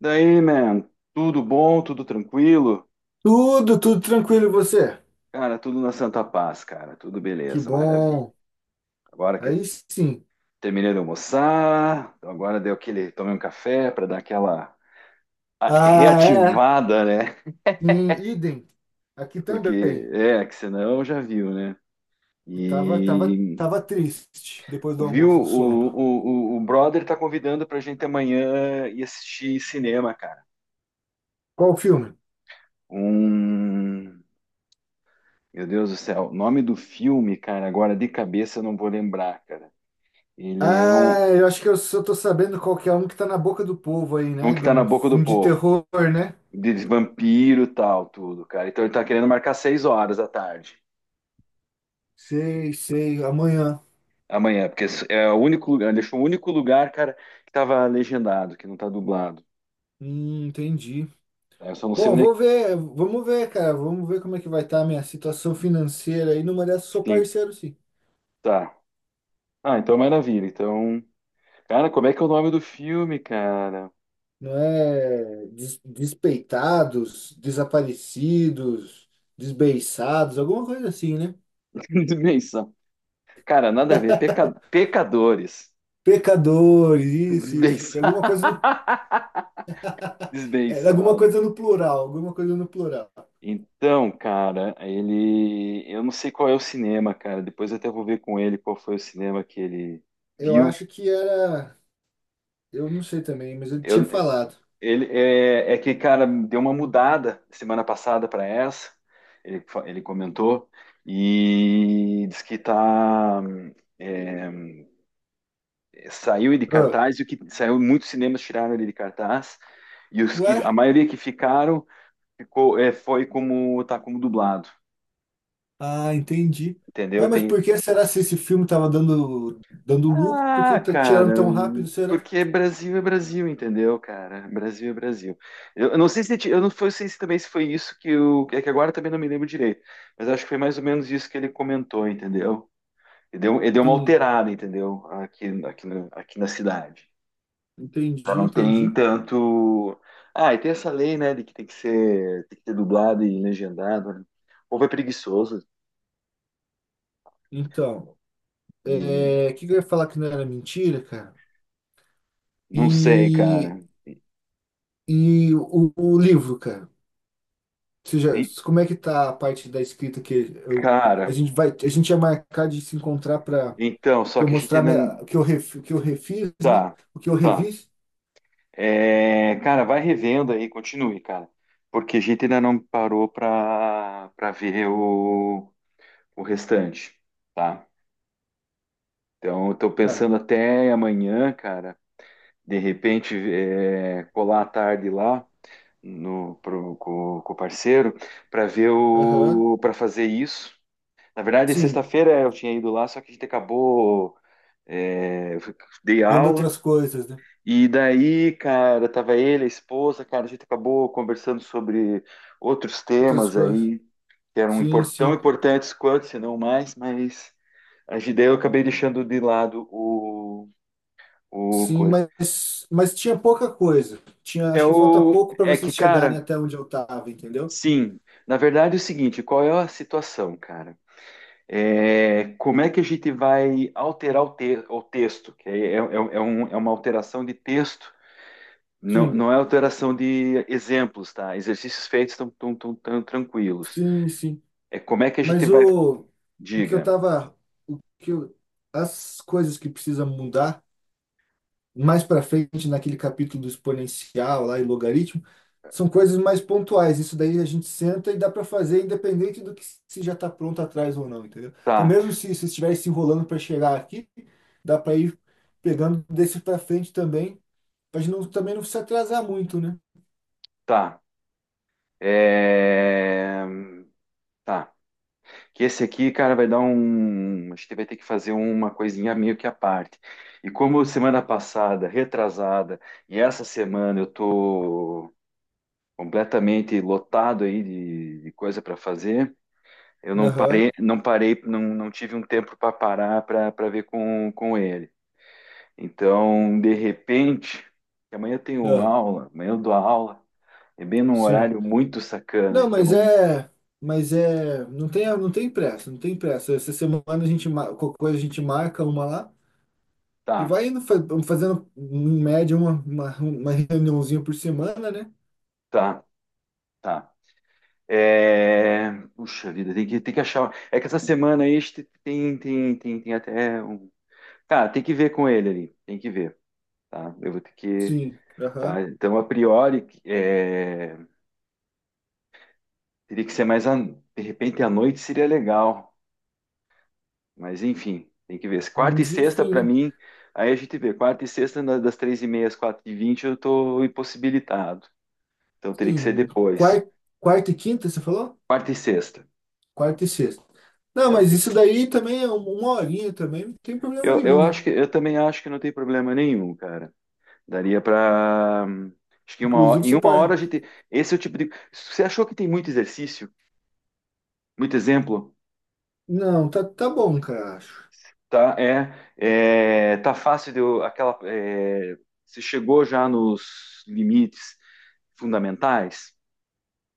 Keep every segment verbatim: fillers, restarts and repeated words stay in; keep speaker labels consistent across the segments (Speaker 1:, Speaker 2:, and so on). Speaker 1: Daí, man, tudo bom, tudo tranquilo?
Speaker 2: Tudo, tudo tranquilo, e você?
Speaker 1: Cara, tudo na Santa Paz, cara, tudo
Speaker 2: Que
Speaker 1: beleza, maravilha.
Speaker 2: bom.
Speaker 1: Agora que
Speaker 2: Aí sim.
Speaker 1: terminei de almoçar, então agora deu aquele, tomei um café para dar aquela a-
Speaker 2: Ah, é?
Speaker 1: reativada, né?
Speaker 2: Sim, idem. Aqui
Speaker 1: Porque
Speaker 2: também.
Speaker 1: é, que senão já viu, né?
Speaker 2: Tava, tava,
Speaker 1: E
Speaker 2: tava triste depois do
Speaker 1: viu,
Speaker 2: almoço, do
Speaker 1: o,
Speaker 2: sono.
Speaker 1: o, o, o brother tá convidando pra gente amanhã ir assistir cinema, cara.
Speaker 2: Qual o filme?
Speaker 1: Um, meu Deus do céu, o nome do filme, cara, agora de cabeça eu não vou lembrar, cara. Ele é um,
Speaker 2: Ah, eu acho que eu só tô sabendo qual que é um que tá na boca do povo aí,
Speaker 1: um
Speaker 2: né?
Speaker 1: que
Speaker 2: De
Speaker 1: tá na
Speaker 2: um
Speaker 1: boca do
Speaker 2: filme de
Speaker 1: povo.
Speaker 2: terror, né?
Speaker 1: De de vampiro e tal, tudo, cara. Então ele tá querendo marcar seis horas da tarde.
Speaker 2: Sei, sei, amanhã.
Speaker 1: Amanhã, porque é o único lugar, deixou o único lugar, cara, que tava legendado, que não tá dublado.
Speaker 2: Hum, entendi.
Speaker 1: É, eu só não sei
Speaker 2: Bom,
Speaker 1: onde é que
Speaker 2: vou ver, vamos ver, cara. Vamos ver como é que vai estar a minha situação financeira aí. Numa dessas,
Speaker 1: é.
Speaker 2: sou
Speaker 1: Sim,
Speaker 2: parceiro, sim.
Speaker 1: tá. Ah, então é maravilha. Então, cara, como é que é o nome do filme, cara?
Speaker 2: Não é des- despeitados, desaparecidos, desbeiçados, alguma coisa assim, né?
Speaker 1: Desbenção. Cara, nada a ver. Peca- Pecadores.
Speaker 2: Pecadores, isso, isso,
Speaker 1: Desbenção.
Speaker 2: alguma coisa no, era alguma
Speaker 1: Desbençados.
Speaker 2: coisa no plural, alguma coisa no plural.
Speaker 1: Então, cara, ele. Eu não sei qual é o cinema, cara. Depois eu até vou ver com ele qual foi o cinema que ele
Speaker 2: Eu
Speaker 1: viu.
Speaker 2: acho que era, eu não sei também, mas ele tinha
Speaker 1: Eu...
Speaker 2: falado.
Speaker 1: Ele é... é que, cara, deu uma mudada semana passada para essa. Ele... fa- ele comentou. E diz que tá. É, saiu de
Speaker 2: Ah,
Speaker 1: cartaz, e o que saiu, muitos cinemas tiraram ele de cartaz. E os que, a
Speaker 2: ué?
Speaker 1: maioria que ficaram ficou, é, foi como tá como dublado,
Speaker 2: Ah, entendi.
Speaker 1: entendeu?
Speaker 2: Ué, mas por
Speaker 1: Tem,
Speaker 2: que será se esse filme estava dando dando lucro? Por que
Speaker 1: ah,
Speaker 2: tá
Speaker 1: cara,
Speaker 2: tirando tão rápido, será?
Speaker 1: porque Brasil é Brasil, entendeu, cara? Brasil é Brasil. Eu, eu não sei se ti- eu não foi- sei se também se foi isso que o é que agora também não me lembro direito, mas acho que foi mais ou menos isso que ele comentou, entendeu? Ele deu, ele deu uma
Speaker 2: Sim,
Speaker 1: alterada, entendeu? Aqui, aqui, na- aqui na cidade. Já
Speaker 2: entendi,
Speaker 1: não tem
Speaker 2: entendi.
Speaker 1: tanto. Ah, e tem essa lei, né, de que tem que ser, tem que ser dublado e legendado. Né? O povo é preguiçoso
Speaker 2: Então,
Speaker 1: e
Speaker 2: é, o que que eu ia falar que não era mentira, cara?
Speaker 1: não sei,
Speaker 2: E,
Speaker 1: cara.
Speaker 2: e o, o livro, cara, você já,
Speaker 1: E,
Speaker 2: como é que tá a parte da escrita que eu, a
Speaker 1: cara,
Speaker 2: gente vai, a gente ia marcar de se encontrar para
Speaker 1: então, só
Speaker 2: eu
Speaker 1: que a gente
Speaker 2: mostrar
Speaker 1: ainda.
Speaker 2: minha- o que eu ref, o que eu refiz, né?
Speaker 1: Tá,
Speaker 2: O que eu
Speaker 1: tá.
Speaker 2: revis?
Speaker 1: É, cara, vai revendo aí, continue, cara. Porque a gente ainda não parou pra, pra ver o, o restante, tá? Então, eu tô
Speaker 2: Tá.
Speaker 1: pensando até amanhã, cara, de repente, é, colar à tarde lá no, pro, com, com o parceiro pra ver
Speaker 2: Aham.
Speaker 1: o, para fazer isso. Na verdade,
Speaker 2: Sim,
Speaker 1: sexta-feira eu tinha ido lá, só que a gente acabou, é, eu dei
Speaker 2: vendo
Speaker 1: aula.
Speaker 2: outras coisas, né?
Speaker 1: E daí, cara, tava ele, a esposa, cara, a gente acabou conversando sobre outros
Speaker 2: Outras
Speaker 1: temas
Speaker 2: coisas.
Speaker 1: aí, que eram
Speaker 2: Sim,
Speaker 1: impor- tão
Speaker 2: sim.
Speaker 1: importantes quanto, se não mais, mas a gente- daí eu acabei deixando de lado o, o
Speaker 2: Sim,
Speaker 1: coisa.
Speaker 2: mas mas tinha pouca coisa. Tinha,
Speaker 1: É
Speaker 2: acho que falta
Speaker 1: o,
Speaker 2: pouco para
Speaker 1: é que,
Speaker 2: vocês
Speaker 1: cara,
Speaker 2: chegarem até onde eu tava, entendeu?
Speaker 1: sim, na verdade é o seguinte, qual é a situação, cara? É, como é que a gente vai alterar o, te- o texto? Que é, é, é um- é uma alteração de texto. Não,
Speaker 2: Sim.
Speaker 1: não é alteração de exemplos, tá? Exercícios feitos estão tão, tão, tão tranquilos.
Speaker 2: Sim, sim.
Speaker 1: É como é que a gente
Speaker 2: Mas
Speaker 1: vai.
Speaker 2: o, o que eu
Speaker 1: Diga,
Speaker 2: tava, o que eu- as coisas que precisam mudar mais para frente naquele capítulo do exponencial lá e logaritmo são coisas mais pontuais. Isso daí a gente senta e dá para fazer independente do que se já está pronto atrás ou não, entendeu? Então
Speaker 1: tá,
Speaker 2: mesmo se se estiver se enrolando para chegar aqui, dá para ir pegando desse para frente também, para não também não se atrasar muito, né?
Speaker 1: tá. É... Tá. Que esse aqui, cara, vai dar um. A gente vai ter que fazer uma coisinha meio que à parte. E como semana passada, retrasada, e essa semana eu tô completamente lotado aí de, de coisa para fazer, eu não
Speaker 2: Aham.
Speaker 1: parei, não parei, não, não tive um tempo para parar para ver com, com ele. Então, de repente, que amanhã eu tenho
Speaker 2: Ah,
Speaker 1: aula, amanhã eu dou aula, é bem num
Speaker 2: sim.
Speaker 1: horário muito sacana.
Speaker 2: Não, mas
Speaker 1: Então,
Speaker 2: é. Mas é. Não tem, não tem pressa, não tem pressa. Essa semana a gente, mar- qualquer coisa a gente marca uma lá e
Speaker 1: tá,
Speaker 2: vai indo, fa- fazendo em média uma, uma, uma reuniãozinha por semana, né?
Speaker 1: tá, tá. É... Puxa vida, tem que, tem que achar. É que essa semana aí este- tem, tem, tem, tem até um. Cara, tem que ver com ele ali, tem que ver, tá? Eu vou ter que.
Speaker 2: Sim. Aham.
Speaker 1: Tá, então, a priori, é, teria que ser mais. A... De repente, à noite seria legal. Mas enfim, tem que ver. Quarta e
Speaker 2: Mas
Speaker 1: sexta,
Speaker 2: enfim,
Speaker 1: para
Speaker 2: né?
Speaker 1: mim, aí a gente vê. Quarta e sexta, na- das três e meia às quatro e vinte, eu estou impossibilitado. Então teria que ser
Speaker 2: Sim.
Speaker 1: depois.
Speaker 2: Quarta, quarta e quinta, você falou?
Speaker 1: Quarta e sexta.
Speaker 2: Quarta e sexta. Não, mas
Speaker 1: Quarta e... se-
Speaker 2: isso daí também é um- uma horinha também, não tem problema
Speaker 1: Eu,
Speaker 2: nenhum,
Speaker 1: eu
Speaker 2: né?
Speaker 1: acho que eu também acho que não tem problema nenhum, cara. Daria para acho que uma
Speaker 2: Inclusive
Speaker 1: hora, em
Speaker 2: você
Speaker 1: uma hora
Speaker 2: pode.
Speaker 1: a gente. Esse é o tipo de. Você achou que tem muito exercício, muito exemplo,
Speaker 2: Não, tá, tá bom, cara, acho.
Speaker 1: tá? É, é tá fácil de eu- aquela. É, você chegou já nos limites fundamentais?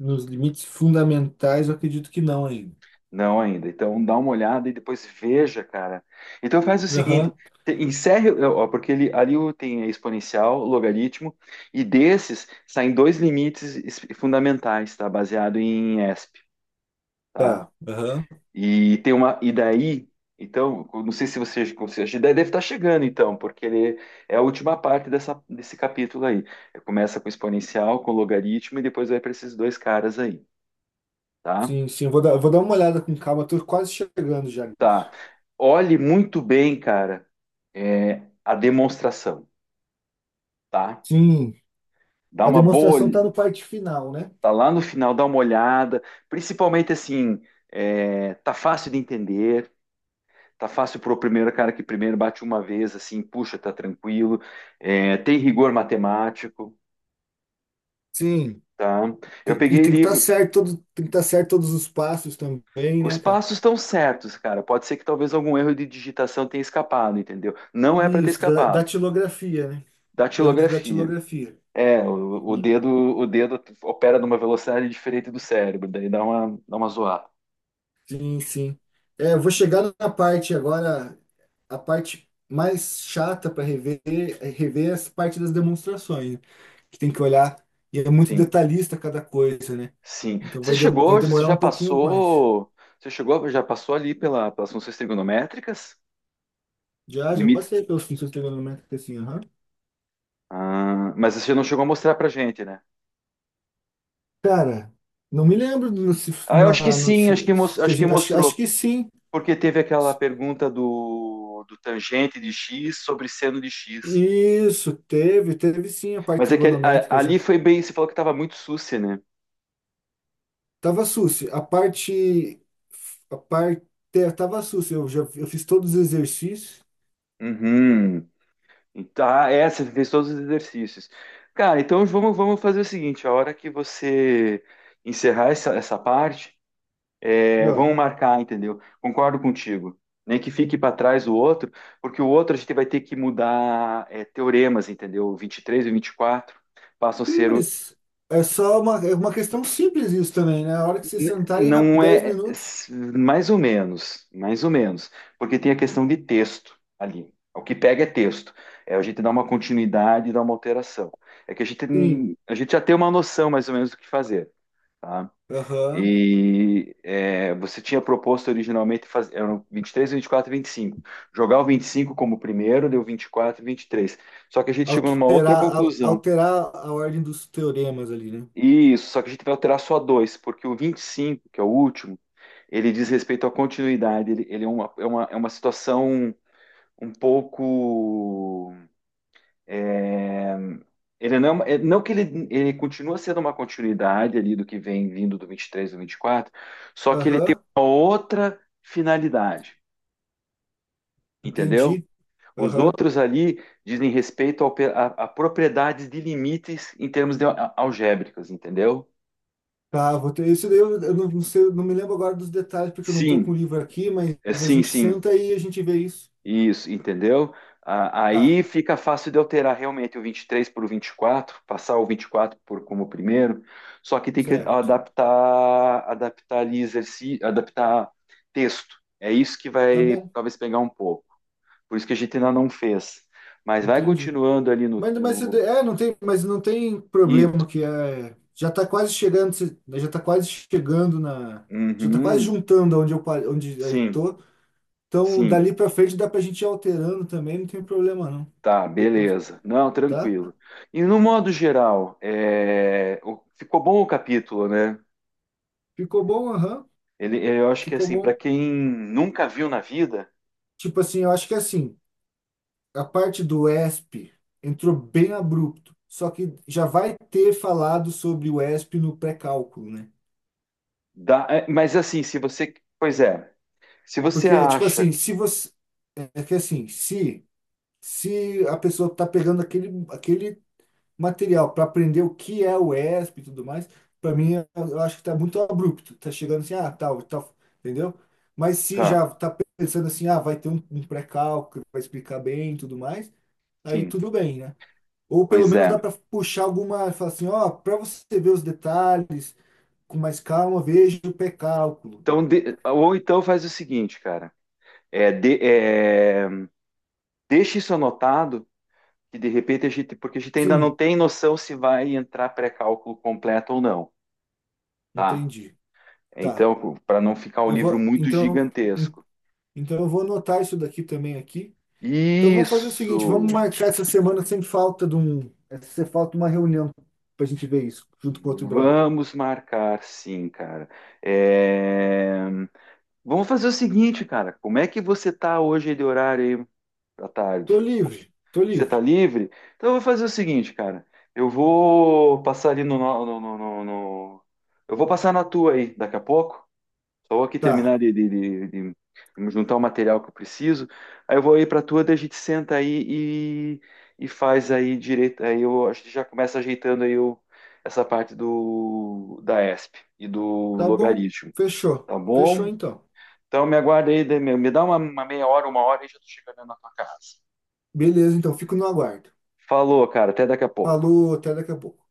Speaker 2: Nos limites fundamentais, eu acredito que não ainda.
Speaker 1: Não ainda. Então dá uma olhada e depois veja, cara. Então faz o seguinte,
Speaker 2: Aham.
Speaker 1: te- encerre, ó, porque ele, ali o- tem é exponencial, logaritmo, e desses saem dois limites es- fundamentais, tá? Baseado em E S P, tá?
Speaker 2: Tá, aham.
Speaker 1: E tem uma e daí, então, eu não sei se você, você a deve estar chegando então, porque ele é a última parte dessa, desse capítulo aí. Começa com exponencial, com logaritmo e depois vai para esses dois caras aí, tá?
Speaker 2: Sim, sim, vou dar, vou dar uma olhada com calma, estou quase chegando já
Speaker 1: Tá.
Speaker 2: nisso.
Speaker 1: Olhe muito bem, cara, é, a demonstração, tá?
Speaker 2: Sim,
Speaker 1: Dá
Speaker 2: a
Speaker 1: uma boa,
Speaker 2: demonstração
Speaker 1: ol-
Speaker 2: tá no parte final, né?
Speaker 1: Tá lá no final, dá uma olhada. Principalmente assim, é, tá fácil de entender, tá fácil pro primeiro cara que primeiro bate uma vez, assim, puxa, tá tranquilo. É, tem rigor matemático,
Speaker 2: Sim,
Speaker 1: tá? Eu
Speaker 2: tem- e
Speaker 1: peguei
Speaker 2: tem que estar
Speaker 1: livro.
Speaker 2: certo todo, tem que estar certo todos os passos também,
Speaker 1: Os
Speaker 2: né, cara?
Speaker 1: passos estão certos, cara. Pode ser que talvez algum erro de digitação tenha escapado, entendeu? Não é para ter
Speaker 2: Isso, da,
Speaker 1: escapado.
Speaker 2: datilografia, né? Erro de
Speaker 1: Datilografia.
Speaker 2: datilografia.
Speaker 1: É, o, o dedo, o dedo opera numa velocidade diferente do cérebro, daí dá uma, dá uma zoada.
Speaker 2: Sim, sim. É, eu vou chegar na parte agora, a parte mais chata para rever, é rever essa parte das demonstrações, né? Que tem que olhar, e é muito
Speaker 1: Sim,
Speaker 2: detalhista cada coisa, né?
Speaker 1: sim.
Speaker 2: Então
Speaker 1: Você
Speaker 2: vai, dem- vai
Speaker 1: chegou, você
Speaker 2: demorar
Speaker 1: já
Speaker 2: um pouquinho mais.
Speaker 1: passou, você chegou, já passou ali pela, pelas funções trigonométricas,
Speaker 2: Já, já
Speaker 1: limites.
Speaker 2: passei pelos funções trigonométricas assim, aham.
Speaker 1: Ah, mas você não chegou a mostrar pra gente, né?
Speaker 2: Cara, não me lembro no- se,
Speaker 1: Ah, eu acho que
Speaker 2: na, no-
Speaker 1: sim, acho que,
Speaker 2: se,
Speaker 1: mos-
Speaker 2: se a
Speaker 1: acho que
Speaker 2: gente, acho, acho
Speaker 1: mostrou,
Speaker 2: que sim.
Speaker 1: porque teve aquela pergunta do, do tangente de x sobre seno de x.
Speaker 2: Isso, teve, teve sim a parte
Speaker 1: Mas é que a-
Speaker 2: trigonométrica
Speaker 1: ali
Speaker 2: já.
Speaker 1: foi bem, você falou que estava muito sucia, né?
Speaker 2: Tava sucio. A parte. A parte. é, Tava sucio. Eu já eu fiz todos os exercícios.
Speaker 1: Uhum. Então, ah, é, você fez todos os exercícios. Cara, então vamos, vamos fazer o seguinte: a hora que você encerrar essa, essa parte,
Speaker 2: E,
Speaker 1: é,
Speaker 2: ó,
Speaker 1: vamos marcar, entendeu? Concordo contigo. Nem que fique para trás o outro, porque o outro a gente vai ter que mudar é, teoremas, entendeu? O vinte e três e o quatro passam a
Speaker 2: sim,
Speaker 1: ser
Speaker 2: mas é só uma, é uma questão simples isso também, né? A hora que vocês
Speaker 1: N-
Speaker 2: sentarem, rap-
Speaker 1: não
Speaker 2: dez
Speaker 1: é
Speaker 2: minutos.
Speaker 1: s- mais ou menos, mais ou menos, porque tem a questão de texto ali. O que pega é texto. É a gente dá uma continuidade, dá uma alteração. É que a gente,
Speaker 2: Sim.
Speaker 1: n- a gente já tem uma noção mais ou menos do que fazer, tá?
Speaker 2: Aham.
Speaker 1: E é, você tinha proposto originalmente fazer, eram vinte e três, vinte e quatro e vinte e cinco. Jogar o vinte e cinco como primeiro, deu vinte e quatro e vinte e três. Só que a gente chegou numa outra
Speaker 2: Alterar, al-
Speaker 1: conclusão.
Speaker 2: alterar a ordem dos teoremas ali, né?
Speaker 1: Isso, só que a gente vai alterar só dois, porque o vinte e cinco, que é o último, ele diz respeito à continuidade. Ele, ele é uma, é uma, é uma situação um pouco. É, Ele não, é- não que ele, ele continua sendo uma continuidade ali do que vem vindo do vinte e três do vinte e quatro, só que ele tem
Speaker 2: Aham.
Speaker 1: uma outra finalidade, entendeu?
Speaker 2: Entendi.
Speaker 1: Os
Speaker 2: Aham.
Speaker 1: outros ali dizem respeito ao pe- a, a propriedades de limites em termos de al- algébricos, entendeu?
Speaker 2: Tá, vou ter isso daí. Eu, eu não, não sei, eu não me lembro agora dos detalhes, porque eu não tô com
Speaker 1: Sim,
Speaker 2: o livro aqui, mas
Speaker 1: é,
Speaker 2: a
Speaker 1: sim,
Speaker 2: gente
Speaker 1: sim.
Speaker 2: senta aí e a gente vê isso.
Speaker 1: Isso, entendeu? A-
Speaker 2: Tá,
Speaker 1: Aí fica fácil de alterar realmente o vinte e três para o vinte e quatro passar o vinte e quatro por como primeiro, só que tem que
Speaker 2: certo.
Speaker 1: adaptar, adaptar ali exercício, adaptar texto. É isso que
Speaker 2: Tá
Speaker 1: vai
Speaker 2: bom.
Speaker 1: talvez pegar um pouco. Por isso que a gente ainda não fez. Mas vai
Speaker 2: Entendi.
Speaker 1: continuando ali no,
Speaker 2: Mas, mas você- de-
Speaker 1: no...
Speaker 2: é, não tem, mas não tem problema
Speaker 1: Isso.
Speaker 2: que é, já está quase chegando, você- já está quase chegando na, já está quase
Speaker 1: Uhum.
Speaker 2: juntando onde eu pa- onde eu
Speaker 1: Sim,
Speaker 2: tô. Então
Speaker 1: sim.
Speaker 2: dali para frente dá para a gente ir alterando também, não tem problema não.
Speaker 1: Tá,
Speaker 2: Depois,
Speaker 1: beleza. Não,
Speaker 2: tá?
Speaker 1: tranquilo. E no modo geral, é, o- ficou bom o capítulo, né?
Speaker 2: Ficou bom, aham,
Speaker 1: Ele, eu acho que
Speaker 2: ficou
Speaker 1: assim, para
Speaker 2: bom.
Speaker 1: quem nunca viu na vida,
Speaker 2: Tipo assim, eu acho que é assim, a parte do E S P entrou bem abrupto, só que já vai ter falado sobre o E S P no pré-cálculo, né?
Speaker 1: dá, é, mas assim, se você, pois é, se você
Speaker 2: Porque tipo
Speaker 1: acha
Speaker 2: assim, se
Speaker 1: que,
Speaker 2: você é que assim, se se a pessoa está pegando aquele, aquele material para aprender o que é o E S P e tudo mais, para mim eu eu acho que está muito abrupto. Está chegando assim, ah, tal, tal, entendeu? Mas se
Speaker 1: tá,
Speaker 2: já está pensando assim, ah, vai ter um, um pré-cálculo, vai explicar bem e tudo mais, aí
Speaker 1: sim,
Speaker 2: tudo bem, né? Ou pelo
Speaker 1: pois
Speaker 2: menos dá
Speaker 1: é.
Speaker 2: para puxar alguma, falar assim, ó, para você ver os detalhes com mais calma, veja o pré-cálculo.
Speaker 1: Então, de- ou então faz o seguinte, cara, é, de, é, deixa isso anotado, que de repente a gente, porque a gente ainda não
Speaker 2: Sim,
Speaker 1: tem noção se vai entrar pré-cálculo completo ou não, tá?
Speaker 2: entendi. Tá.
Speaker 1: Então, para não ficar o
Speaker 2: Eu
Speaker 1: livro
Speaker 2: vou,
Speaker 1: muito
Speaker 2: então, en-
Speaker 1: gigantesco.
Speaker 2: então eu vou anotar isso daqui também aqui. Então vamos fazer o seguinte, vamos
Speaker 1: Isso.
Speaker 2: marcar essa semana sem falta de um, essa falta uma reunião pra gente ver isso junto com outro brother.
Speaker 1: Vamos marcar, sim, cara. É, vamos fazer o seguinte, cara. Como é que você tá hoje de horário aí da tarde?
Speaker 2: Tô livre, tô
Speaker 1: Você tá
Speaker 2: livre.
Speaker 1: livre? Então eu vou fazer o seguinte, cara. Eu vou passar ali no, no- no- no- no- no- eu vou passar na tua aí daqui a pouco. Só vou aqui
Speaker 2: Tá,
Speaker 1: terminar de, de- de- de- de juntar o material que eu preciso. Aí eu vou aí pra tua, daí a gente senta aí e, e faz aí direito. Aí eu acho que já começa ajeitando aí o- essa parte do, da E S P e do
Speaker 2: tá bom,
Speaker 1: logaritmo.
Speaker 2: fechou,
Speaker 1: Tá
Speaker 2: fechou
Speaker 1: bom?
Speaker 2: então.
Speaker 1: Então me aguarda aí, me dá uma, uma meia hora, uma hora e já tô chegando na tua casa.
Speaker 2: Beleza, então fico no aguardo.
Speaker 1: Falou, cara, até daqui a pouco.
Speaker 2: Falou, até daqui a pouco.